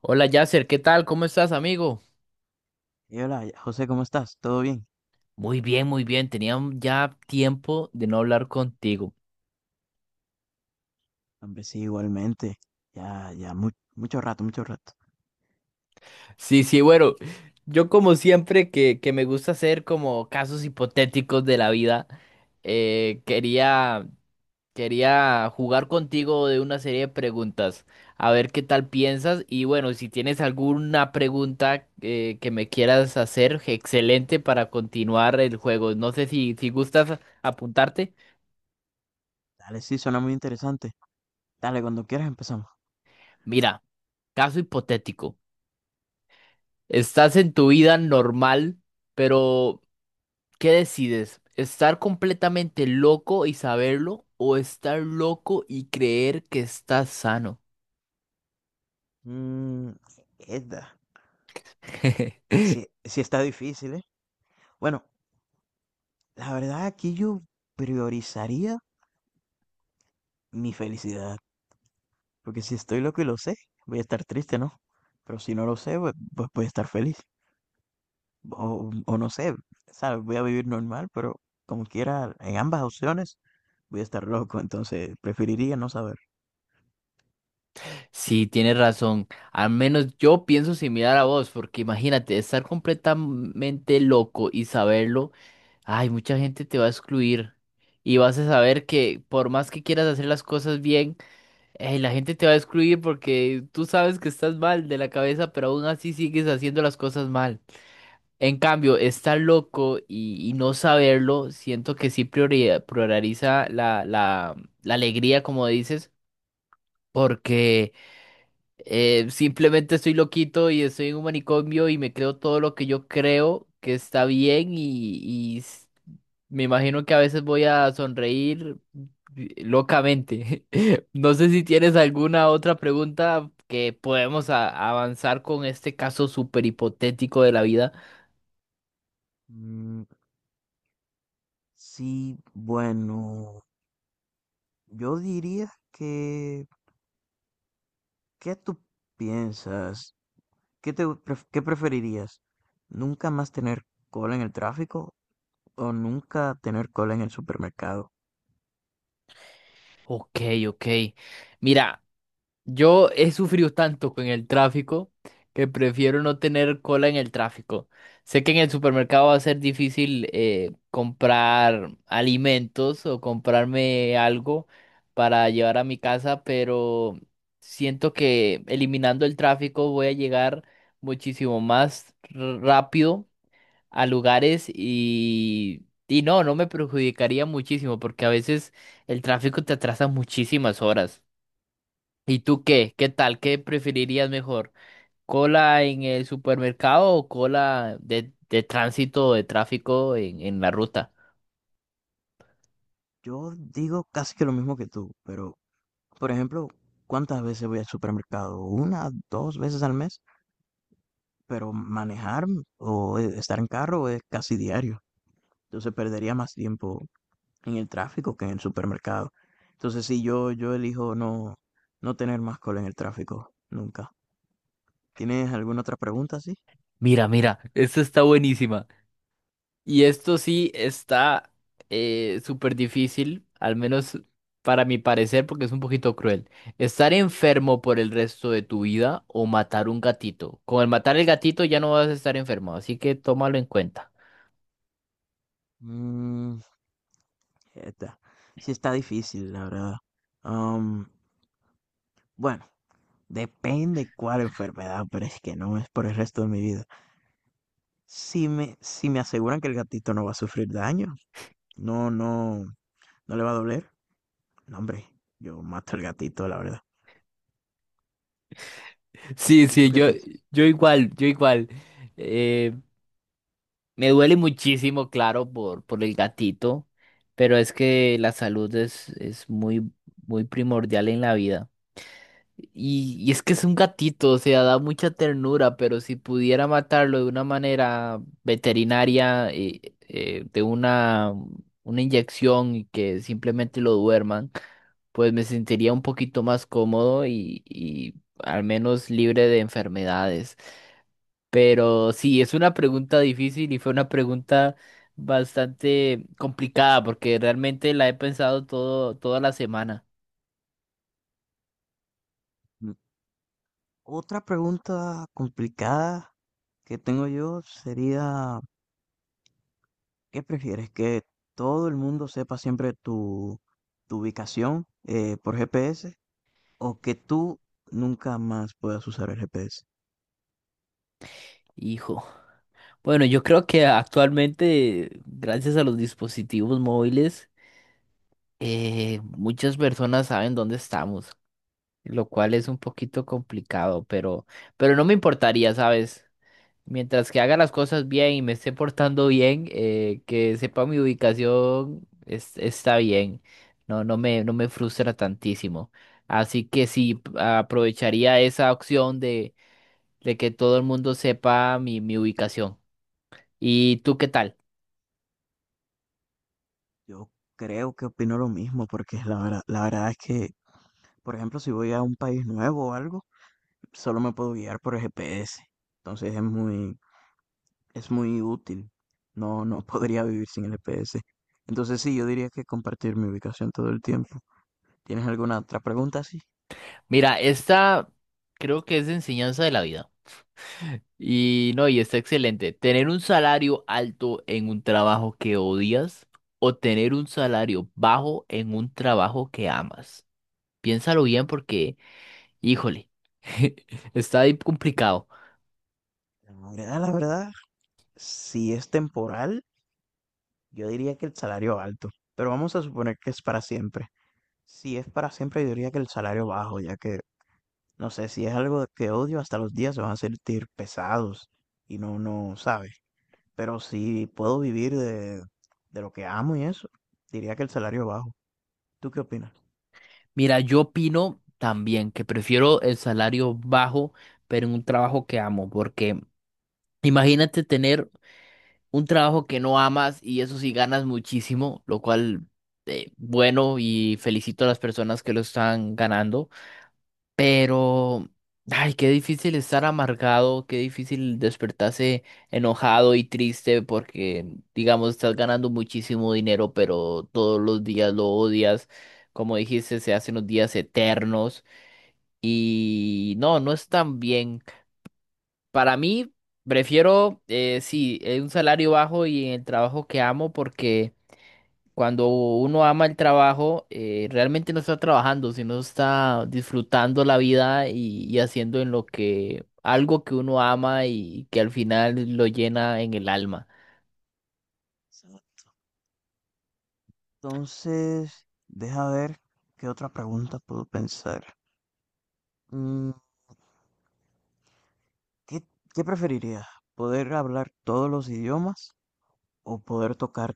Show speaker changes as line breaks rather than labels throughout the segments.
Hola Yasser, ¿qué tal? ¿Cómo estás, amigo?
Y hola, José, ¿cómo estás? ¿Todo bien?
Muy bien, muy bien. Tenía ya tiempo de no hablar contigo.
Hombre, sí, igualmente. Ya, ya, mucho rato, mucho rato.
Sí, sí, bueno, yo como siempre que me gusta hacer como casos hipotéticos de la vida, eh, quería, quería jugar contigo de una serie de preguntas, a ver qué tal piensas y bueno, si tienes alguna pregunta que me quieras hacer, excelente para continuar el juego. No sé si gustas apuntarte.
Dale, sí, suena muy interesante. Dale, cuando quieras empezamos.
Mira, caso hipotético. Estás en tu vida normal, pero ¿qué decides? ¿Estar completamente loco y saberlo o estar loco y creer que estás sano?
Mmm, esta. Sí, sí está difícil, ¿eh? Bueno, la verdad aquí yo priorizaría mi felicidad. Porque si estoy loco y lo sé, voy a estar triste, ¿no? Pero si no lo sé, pues voy a estar feliz. O no sé, ¿sabes? Voy a vivir normal, pero como quiera, en ambas opciones voy a estar loco, entonces preferiría no saber.
Sí, tienes razón. Al menos yo pienso similar a vos, porque imagínate, estar completamente loco y saberlo, ay, mucha gente te va a excluir y vas a saber que por más que quieras hacer las cosas bien, eh, la gente te va a excluir porque tú sabes que estás mal de la cabeza, pero aún así sigues haciendo las cosas mal. En cambio, estar loco y no saberlo, siento que sí prioriza la alegría, como dices, porque simplemente estoy loquito y estoy en un manicomio y me creo todo lo que yo creo que está bien y me imagino que a veces voy a sonreír locamente. No sé si tienes alguna otra pregunta que podemos avanzar con este caso súper hipotético de la vida.
Mm, sí, bueno, yo diría que, ¿qué tú piensas? ¿Qué te qué preferirías? ¿Nunca más tener cola en el tráfico o nunca tener cola en el supermercado?
Ok, ok. Mira. Yo he sufrido tanto con el tráfico que prefiero no tener cola en el tráfico. Sé que en el supermercado va a ser difícil comprar alimentos o comprarme algo para llevar a mi casa, pero siento que eliminando el tráfico voy a llegar muchísimo más rápido a lugares y no, no me perjudicaría muchísimo porque a veces el tráfico te atrasa muchísimas horas. ¿Y tú qué? ¿Qué tal? ¿Qué preferirías mejor? ¿Cola en el supermercado o cola de tránsito o de tráfico en la ruta?
Yo digo casi que lo mismo que tú, pero, por ejemplo, ¿cuántas veces voy al supermercado? Una, dos veces al mes, pero manejar o estar en carro es casi diario, entonces perdería más tiempo en el tráfico que en el supermercado. Entonces sí, yo elijo no, no tener más cola en el tráfico, nunca. ¿Tienes alguna otra pregunta, sí?
Mira, mira, esta está buenísima. Y esto sí está súper difícil, al menos para mi parecer, porque es un poquito cruel. ¿Estar enfermo por el resto de tu vida o matar un gatito? Con el matar el gatito ya no vas a estar enfermo, así que tómalo en cuenta.
Mm, esta. Sí está difícil, la verdad. Am, bueno, depende cuál enfermedad, pero es que no es por el resto de mi vida. Si me aseguran que el gatito no va a sufrir daño, no, no, no le va a doler, no, hombre, yo mato al gatito, la verdad.
Sí,
¿Y
sí,
tú qué piensas?
yo igual, yo igual. Me duele muchísimo, claro, por el gatito, pero es que la salud es muy, muy primordial en la vida. Y es que es un gatito, o sea, da mucha ternura, pero si pudiera matarlo de una manera veterinaria, una inyección y que simplemente lo duerman, pues me sentiría un poquito más cómodo y al menos libre de enfermedades. Pero sí, es una pregunta difícil y fue una pregunta bastante complicada porque realmente la he pensado toda la semana.
Otra pregunta complicada que tengo yo sería, ¿qué prefieres? ¿Que todo el mundo sepa siempre tu, tu ubicación por GPS o que tú nunca más puedas usar el GPS?
Hijo. Bueno, yo creo que actualmente, gracias a los dispositivos móviles, muchas personas saben dónde estamos, lo cual es un poquito complicado, pero no me importaría, ¿sabes? Mientras que haga las cosas bien y me esté portando bien, que sepa mi ubicación, está bien. No me frustra tantísimo. Así que sí, aprovecharía esa opción de que todo el mundo sepa mi ubicación. ¿Y tú qué tal?
Yo creo que opino lo mismo porque la verdad es que, por ejemplo, si voy a un país nuevo o algo, solo me puedo guiar por el GPS. Entonces es muy, es muy útil. No, no podría vivir sin el GPS. Entonces sí, yo diría que compartir mi ubicación todo el tiempo. ¿Tienes alguna otra pregunta? Sí.
Mira, esta creo que es de enseñanza de la vida. Y no, y está excelente. Tener un salario alto en un trabajo que odias o tener un salario bajo en un trabajo que amas. Piénsalo bien porque, híjole, está ahí complicado.
La verdad, si es temporal, yo diría que el salario alto, pero vamos a suponer que es para siempre. Si es para siempre, yo diría que el salario bajo, ya que, no sé, si es algo que odio, hasta los días se van a sentir pesados y no, no, sabe. Pero si puedo vivir de lo que amo y eso, diría que el salario bajo. ¿Tú qué opinas?
Mira, yo opino también que prefiero el salario bajo, pero en un trabajo que amo, porque imagínate tener un trabajo que no amas y eso sí ganas muchísimo, lo cual, bueno, y felicito a las personas que lo están ganando. Pero, ay, qué difícil estar amargado, qué difícil despertarse enojado y triste porque, digamos, estás ganando muchísimo dinero, pero todos los días lo odias. Como dijiste, se hacen los días eternos y no, no es tan bien. Para mí, prefiero, un salario bajo y en el trabajo que amo porque cuando uno ama el trabajo, realmente no está trabajando, sino está disfrutando la vida y haciendo en lo que algo que uno ama y que al final lo llena en el alma.
Entonces, deja ver qué otra pregunta puedo pensar. Mm, ¿Qué, qué preferirías? ¿Poder hablar todos los idiomas o poder tocar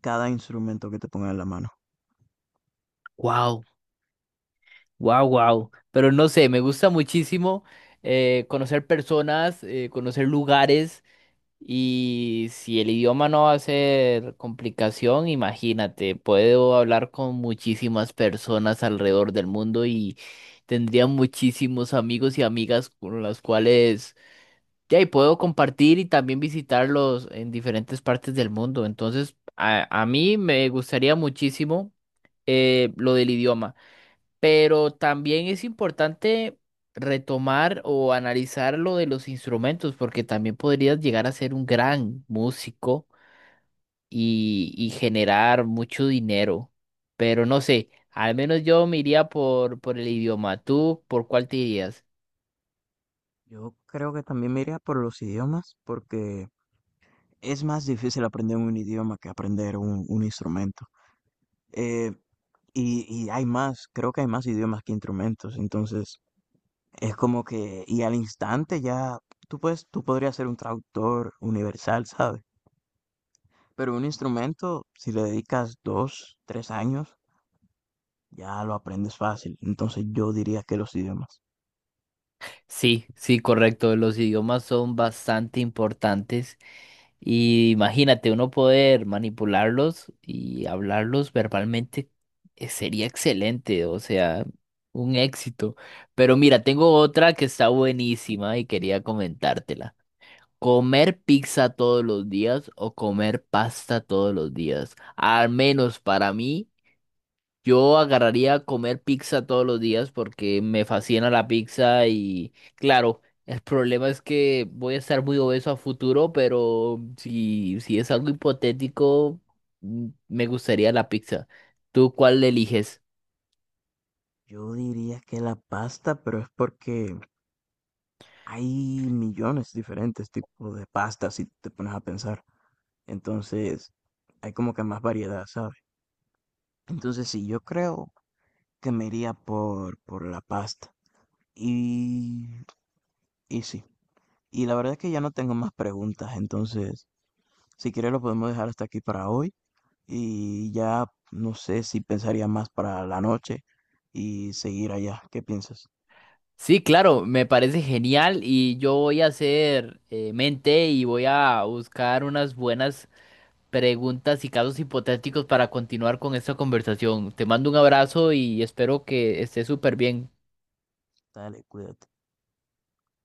cada instrumento que te ponga en la mano?
Wow, wow, wow. Pero no sé, me gusta muchísimo conocer personas, conocer lugares. Y si el idioma no va a ser complicación, imagínate, puedo hablar con muchísimas personas alrededor del mundo y tendría muchísimos amigos y amigas con las cuales ya y puedo compartir y también visitarlos en diferentes partes del mundo. Entonces, a mí me gustaría muchísimo lo del idioma. Pero también es importante retomar o analizar lo de los instrumentos, porque también podrías llegar a ser un gran músico y generar mucho dinero. Pero no sé, al menos yo me iría por el idioma. ¿Tú por cuál te irías?
Yo creo que también me iría por los idiomas porque es más difícil aprender un idioma que aprender un instrumento. Eh, y hay más, creo que hay más idiomas que instrumentos. Entonces, es como que, y al instante ya, tú puedes, tú podrías ser un traductor universal, ¿sabes? Pero un instrumento, si le dedicas dos, tres años, ya lo aprendes fácil. Entonces yo diría que los idiomas.
Sí, sí, correcto. Los idiomas son bastante importantes y imagínate uno poder manipularlos y hablarlos verbalmente, sería excelente, o sea, un éxito. Pero mira, tengo otra que está buenísima y quería comentártela. ¿Comer pizza todos los días o comer pasta todos los días? Al menos para mí. Yo agarraría a comer pizza todos los días porque me fascina la pizza y claro, el problema es que voy a estar muy obeso a futuro, pero si es algo hipotético, mm, me gustaría la pizza. ¿Tú cuál eliges?
Yo diría que la pasta, pero es porque hay millones diferentes tipos de pastas si te pones a pensar. Entonces, hay como que más variedad, ¿sabes? Entonces, sí, yo creo que me iría por la pasta. Y, y sí, y la verdad es que ya no tengo más preguntas, entonces, si quieres lo podemos dejar hasta aquí para hoy y ya no sé si pensaría más para la noche y seguir allá. ¿Qué piensas?
Sí, claro, me parece genial y yo voy a hacer mente y voy a buscar unas buenas preguntas y casos hipotéticos para continuar con esta conversación. Te mando un abrazo y espero que estés súper bien.
Dale, cuídate.